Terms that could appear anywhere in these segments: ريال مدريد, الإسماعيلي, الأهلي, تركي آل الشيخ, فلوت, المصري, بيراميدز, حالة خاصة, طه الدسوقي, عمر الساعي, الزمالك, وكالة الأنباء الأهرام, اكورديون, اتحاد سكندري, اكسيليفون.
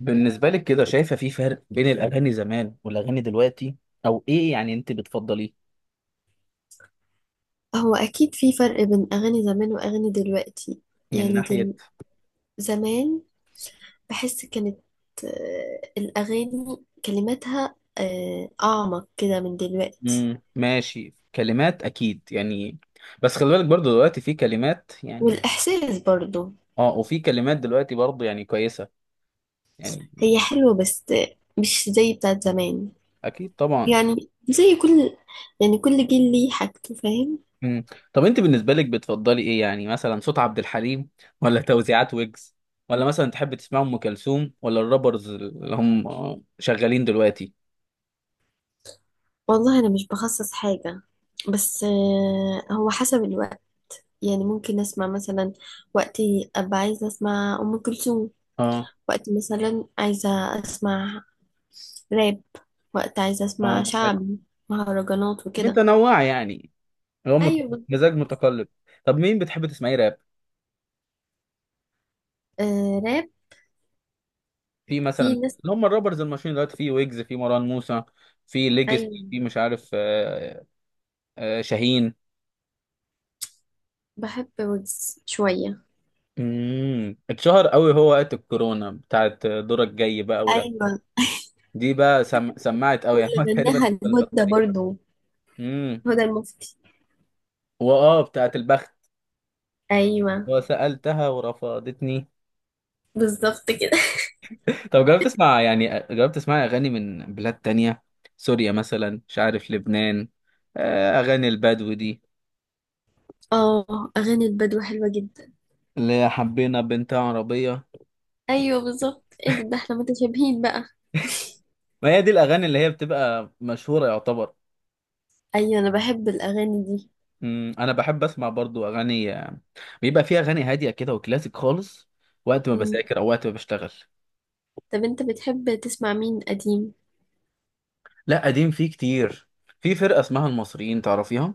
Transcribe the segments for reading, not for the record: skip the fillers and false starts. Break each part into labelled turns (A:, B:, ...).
A: بالنسبة لك كده شايفة في فرق بين الأغاني زمان والأغاني دلوقتي، أو إيه يعني أنت بتفضليه
B: هو أكيد في فرق بين أغاني زمان وأغاني دلوقتي.
A: من
B: يعني
A: ناحية؟
B: دل... زمان بحس كانت، الأغاني كلماتها، أعمق كده من دلوقتي،
A: مم. ماشي، كلمات أكيد يعني. بس خلي بالك برضو دلوقتي في كلمات يعني.
B: والإحساس برضو.
A: آه، وفي كلمات دلوقتي برضو يعني كويسة يعني.
B: هي حلوة بس مش زي بتاعت زمان.
A: أكيد طبعا.
B: يعني زي كل يعني كل جيل ليه حاجته، فاهم.
A: مم. طب أنت بالنسبة لك بتفضلي إيه؟ يعني مثلا صوت عبد الحليم، ولا توزيعات ويجز، ولا مثلا تحب تسمع أم كلثوم، ولا الرابرز اللي هم شغالين دلوقتي؟
B: والله أنا مش بخصص حاجة، بس هو حسب الوقت. يعني ممكن أسمع مثلا وقتي أبقى عايزة أسمع أم كلثوم،
A: اه.
B: وقت مثلا عايزة أسمع راب، وقت عايزة أسمع
A: اه حلو.
B: شعبي، مهرجانات وكده.
A: متنوعة يعني. اللي هو مت-
B: أيوة بالظبط.
A: مزاج متقلب. طب مين بتحب تسمعيه راب؟
B: آه، راب.
A: في مثلا
B: في ناس.
A: اللي هم الرابرز المشهورين دلوقتي، في ويجز، في مروان موسى، في ليجس،
B: أيوة،
A: في مش عارف شاهين.
B: بحب ويجز شوية.
A: اتشهر قوي هو وقت الكورونا، بتاعت دورك جاي بقى ولا؟
B: أيوة،
A: دي بقى سمعت قوي يعني
B: واللي
A: تقريبا
B: غناها
A: في الفتره
B: الهدى
A: دي.
B: برضو،
A: امم.
B: هدى المفتي.
A: واه بتاعت البخت.
B: أيوة
A: وسألتها ورفضتني.
B: بالظبط كده.
A: طب جربت تسمع يعني، جربت تسمع اغاني من بلاد تانية؟ سوريا مثلا، مش عارف، لبنان. اغاني البدو دي،
B: اه، أغاني البدو حلوة جدا.
A: اللي هي حبينا بنت عربية.
B: أيوة بالظبط. ايه ده احنا متشابهين بقى.
A: ما هي دي الأغاني اللي هي بتبقى مشهورة يعتبر.
B: أيوة أنا بحب الأغاني دي.
A: أنا بحب أسمع برضو أغاني، بيبقى فيها أغاني هادية كده وكلاسيك خالص، وقت ما
B: مم.
A: بذاكر أو وقت ما بشتغل.
B: طب أنت بتحب تسمع مين قديم؟
A: لا، قديم فيه كتير. في فرقة اسمها المصريين، تعرفيها؟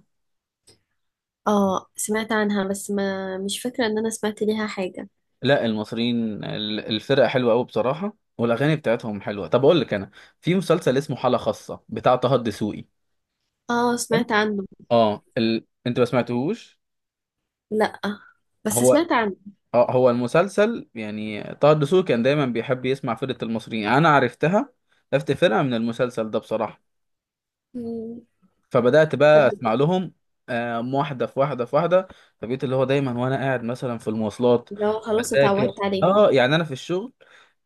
B: اه، سمعت عنها بس ما مش فاكرة ان انا سمعت ليها حاجة.
A: لا، المصريين الفرقة حلوة أوي بصراحة، والأغاني بتاعتهم حلوة. طب أقول لك أنا، في مسلسل اسمه حالة خاصة بتاع طه الدسوقي.
B: اه، سمعت عنه.
A: اه أنت ما سمعتهوش؟
B: لا، بس
A: هو،
B: سمعت عنه.
A: اه هو المسلسل يعني، طه الدسوقي كان دايما بيحب يسمع فرقة المصريين. انا عرفتها، عرفت فرقة من المسلسل ده بصراحة.
B: مم.
A: فبدأت
B: طب.
A: بقى اسمع لهم. واحدة في واحدة في واحدة. فبقيت اللي هو دايما وانا قاعد مثلا في المواصلات
B: لو خلاص اتعودت
A: بذاكر،
B: عليهم.
A: اه يعني انا في الشغل،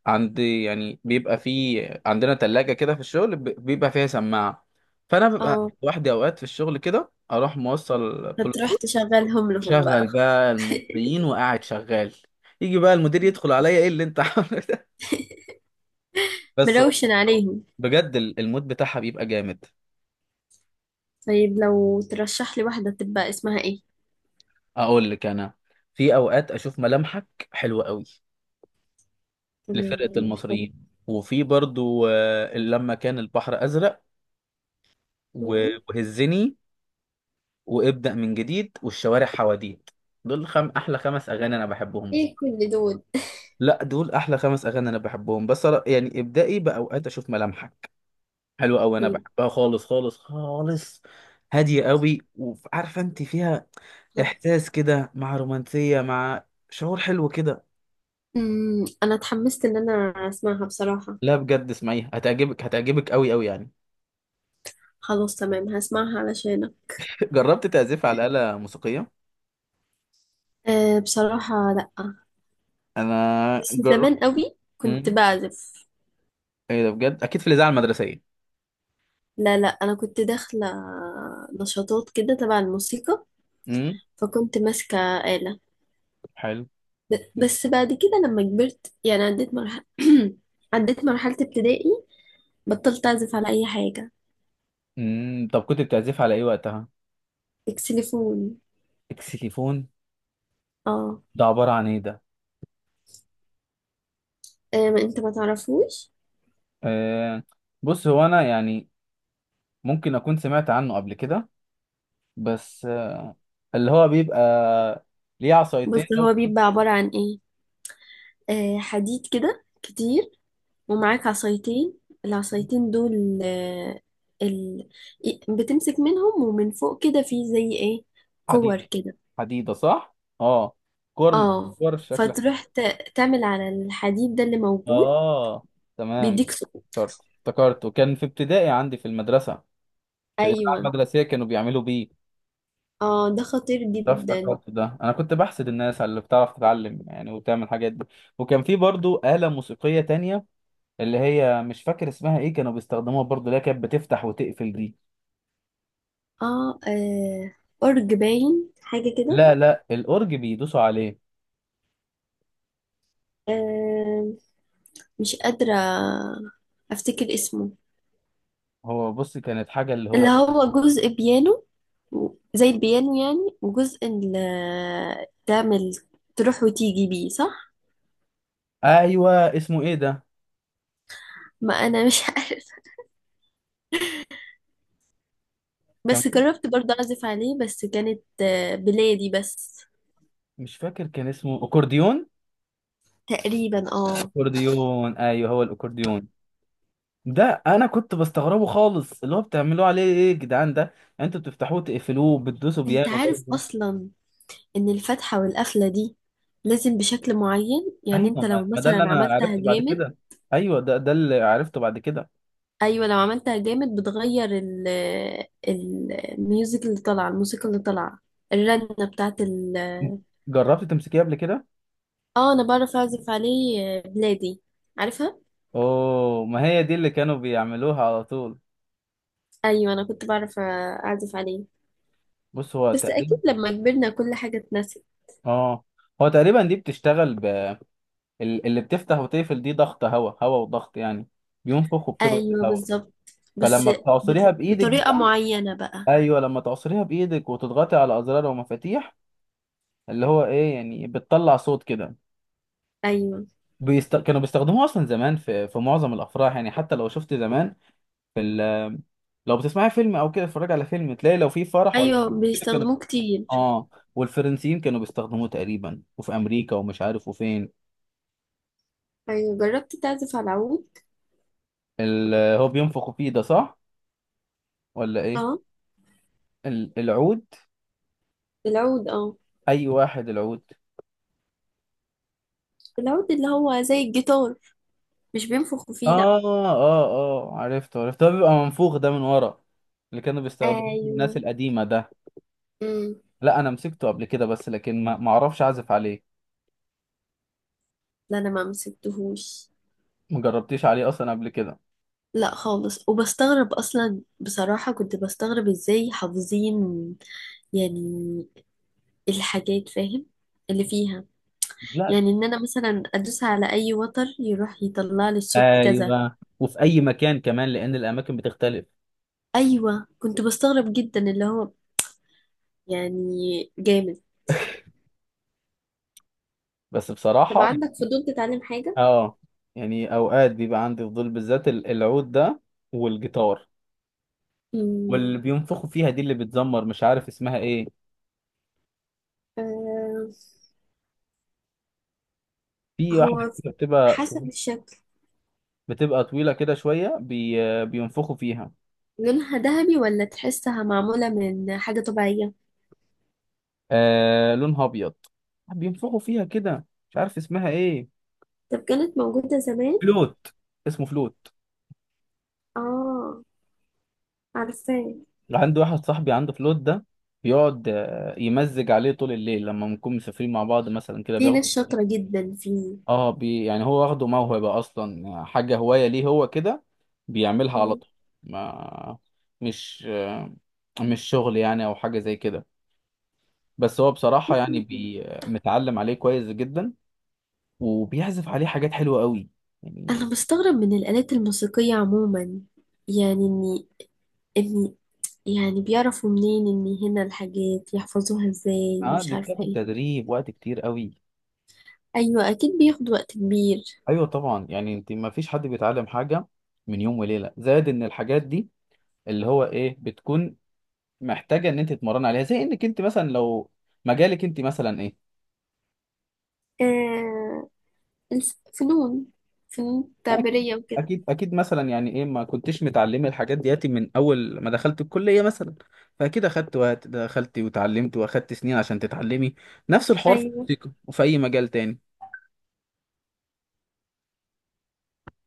A: عندي يعني بيبقى في، عندنا تلاجة كده في الشغل بيبقى فيها سماعة، فانا ببقى
B: اه.
A: لوحدي اوقات في الشغل كده، اروح موصل
B: هتروح
A: بلوتوث.
B: تشغلهم لهم بقى؟
A: شغل بقى المصريين وقاعد شغال. يجي بقى المدير يدخل عليا: ايه اللي انت عامله ده؟ بس
B: مروشن عليهم.
A: بجد المود بتاعها بيبقى جامد.
B: طيب، لو ترشح لي واحدة تبقى اسمها ايه؟
A: اقول لك انا، في اوقات اشوف ملامحك حلوه قوي، لفرقه
B: تمام، حلو.
A: المصريين. وفي برضو لما كان البحر ازرق،
B: مم.
A: وهزني، وابدا من جديد، والشوارع حواديت. دول احلى خمس اغاني انا بحبهم بس.
B: ايه، كل دول؟
A: لا، دول احلى خمس اغاني انا بحبهم بس، يعني ابدائي باوقات اشوف ملامحك حلوه قوي، انا
B: طيب.
A: بحبها خالص خالص خالص. هاديه قوي، وعارفه انت فيها احساس كده، مع رومانسيه، مع شعور حلو كده.
B: مم. انا اتحمست ان انا اسمعها بصراحة.
A: لا بجد اسمعيها، هتعجبك، هتعجبك قوي قوي يعني.
B: خلاص، تمام، هسمعها علشانك.
A: جربت تعزف على آلة موسيقية؟
B: أه، بصراحة لأ.
A: انا
B: بس زمان
A: جربت.
B: قوي كنت
A: امم.
B: بعزف.
A: ايه ده بجد؟ اكيد في الاذاعه المدرسيه.
B: لا لا، انا كنت داخله نشاطات كده تبع الموسيقى،
A: امم.
B: فكنت ماسكه آلة.
A: حلو.
B: بس بعد كده لما كبرت يعني عديت مرحله، عديت مرحله ابتدائي، بطلت اعزف على اي حاجه.
A: طب كنت بتعزف على ايه وقتها؟
B: اكسليفون.
A: اكسيليفون.
B: اه.
A: ده عباره عن ايه ده؟
B: ما انت ما تعرفوش.
A: آه، بص هو انا يعني ممكن اكون سمعت عنه قبل كده، بس اللي هو بيبقى ليه عصايتين
B: بس
A: ده
B: هو بيبقى عباره عن ايه؟ حديد كده كتير، ومعاك عصايتين. العصايتين دول، ال... بتمسك منهم، ومن فوق كده في زي ايه، كور
A: حديدة،
B: كده.
A: حديدة صح؟ اه، كور.
B: اه.
A: كور شكلها.
B: فتروح تعمل على الحديد ده اللي موجود،
A: اه. تمام.
B: بيديك سقوط.
A: افتكرت افتكرت، وكان في ابتدائي عندي في المدرسة، في الإذاعة
B: ايوه.
A: المدرسية كانوا بيعملوا بيه.
B: اه، ده خطير
A: ده
B: جدا.
A: افتكرت ده، انا كنت بحسد الناس على اللي بتعرف تتعلم يعني وتعمل الحاجات دي. وكان في برضو آلة موسيقية تانية، اللي هي مش فاكر اسمها ايه، كانوا بيستخدموها برضو، اللي هي كانت بتفتح وتقفل دي.
B: اه. ارج باين حاجه كده.
A: لا لا، الأورج بيدوسوا عليه.
B: آه. مش قادره افتكر اسمه.
A: هو بص كانت حاجة اللي
B: اللي
A: هو.
B: هو جزء بيانو و- زي البيانو يعني، وجزء اللي تعمل تروح وتيجي بيه، صح.
A: ايوه، اسمه ايه ده؟
B: ما انا مش عارفه.
A: كان
B: بس
A: في،
B: جربت برضه اعزف عليه، بس كانت، بلادي بس.
A: مش فاكر كان اسمه اكورديون.
B: تقريبا، اه.
A: اكورديون، ايوه هو الاكورديون ده. انا كنت بستغربه خالص، اللي هو بتعملوه عليه ايه يا جدعان ده؟ يعني انتوا بتفتحوه تقفلوه بتدوسوا
B: انت
A: بيانو
B: عارف
A: برضه.
B: اصلا ان الفتحة والقفلة دي لازم بشكل معين، يعني
A: ايوه،
B: انت
A: ما
B: لو
A: ما ده اللي
B: مثلا
A: انا
B: عملتها
A: عرفته بعد
B: جامد.
A: كده. ايوه، ده اللي عرفته بعد كده.
B: ايوه، لو عملتها جامد بتغير الميوزك اللي طالعة، الموسيقى اللي طالعة، الرنة بتاعت ال.
A: جربت تمسكيه قبل كده؟
B: اه، انا بعرف اعزف عليه، بلادي، عارفها.
A: اوه، ما هي دي اللي كانوا بيعملوها على طول.
B: ايوه انا كنت بعرف اعزف عليه.
A: بص هو
B: بس اكيد
A: تقريبا.
B: لما كبرنا كل حاجة اتنسي.
A: اه، هو تقريبا دي بتشتغل، اللي بتفتح وتقفل دي ضغط هواء، هواء وضغط يعني، بينفخ وبتضغط
B: ايوه
A: الهواء.
B: بالظبط. بس
A: فلما بتعصريها بايدك
B: بطريقة معينة بقى.
A: ايوه لما تعصريها بايدك وتضغطي على ازرار ومفاتيح، اللي هو ايه يعني، بتطلع صوت كده.
B: ايوه.
A: كانوا بيستخدموه اصلا زمان، في معظم الافراح يعني، حتى لو شفت زمان، في لو بتسمعي فيلم او كده، اتفرجي على فيلم، تلاقي لو في فرح ولا
B: ايوه،
A: حاجة كده كانوا.
B: بيستخدموه كتير.
A: اه. والفرنسيين كانوا بيستخدموه تقريبا، وفي امريكا، ومش عارف وفين.
B: أيوة، جربت تعزف على العود؟
A: هو بينفخوا فيه ده صح ولا ايه؟
B: اه.
A: العود،
B: العود، اه.
A: اي واحد. العود.
B: العود اللي هو زي الجيتار، مش بينفخوا فيه لأ.
A: اه، اه، اه، عرفته عرفته، ده بيبقى منفوخ ده من ورا، اللي كانوا بيستخدموه الناس
B: أيوة.
A: القديمة ده.
B: امم.
A: لا انا مسكته قبل كده بس، لكن ما اعرفش اعزف عليه.
B: لا، أنا ما مسكتهوش.
A: ما جربتيش عليه اصلا قبل كده؟
B: لا خالص، وبستغرب أصلا. بصراحة كنت بستغرب إزاي حافظين، يعني، الحاجات، فاهم اللي فيها،
A: لا.
B: يعني إن أنا مثلا أدوس على أي وتر يروح يطلع لي الصوت كذا.
A: ايوه، وفي اي مكان كمان، لان الاماكن بتختلف.
B: أيوة، كنت بستغرب جدا اللي هو يعني جامد.
A: بس
B: طب
A: بصراحة.
B: عندك فضول تتعلم حاجة؟
A: اه، يعني اوقات بيبقى عندي فضول، بالذات العود ده، والجيتار، واللي بينفخوا فيها دي اللي بتزمر مش عارف اسمها ايه.
B: امم.
A: في واحدة
B: هو
A: كده بتبقى،
B: حسب الشكل.
A: بتبقى طويلة كده شوية، بينفخوا فيها.
B: لونها ذهبي ولا تحسها معمولة من حاجة طبيعية؟
A: آه، لونها أبيض، بينفخوا فيها كده، مش عارف اسمها إيه.
B: طب كانت موجودة زمان.
A: فلوت. اسمه فلوت.
B: اه، عارفاه.
A: عندي واحد صاحبي عنده فلوت ده، بيقعد يمزج عليه طول الليل، لما بنكون مسافرين مع بعض مثلا كده
B: في ناس
A: بياخده.
B: شاطرة جدا فيه.
A: اه، يعني هو واخده موهبة أصلا، حاجة هواية ليه هو كده، بيعملها على
B: مم.
A: طول. ما مش مش شغل يعني أو حاجة زي كده، بس هو بصراحة يعني متعلم عليه كويس جدا، وبيعزف عليه حاجات حلوة قوي يعني.
B: أنا بستغرب من الآلات الموسيقية عموما، يعني إني، يعني بيعرفوا منين إن هنا الحاجات، يحفظوها إزاي،
A: اه،
B: مش
A: دي
B: عارفة
A: بتاخد
B: إيه.
A: تدريب وقت كتير قوي.
B: أيوة، أكيد بياخد وقت كبير.
A: ايوه طبعا، يعني انت ما فيش حد بيتعلم حاجة من يوم وليلة، زائد ان الحاجات دي اللي هو ايه بتكون محتاجة ان انت تتمرن عليها، زي انك انت مثلا لو مجالك انت مثلا ايه.
B: آه الفنون، فنون
A: اكيد.
B: تعبيرية وكده.
A: اكيد اكيد مثلا يعني، ايه ما كنتش متعلمة الحاجات دياتي من اول ما دخلت الكلية مثلا، فاكيد اخدت وقت، دخلت وتعلمت واخدت سنين عشان تتعلمي. نفس الحوار في
B: أيوة
A: الموسيقى وفي اي مجال تاني.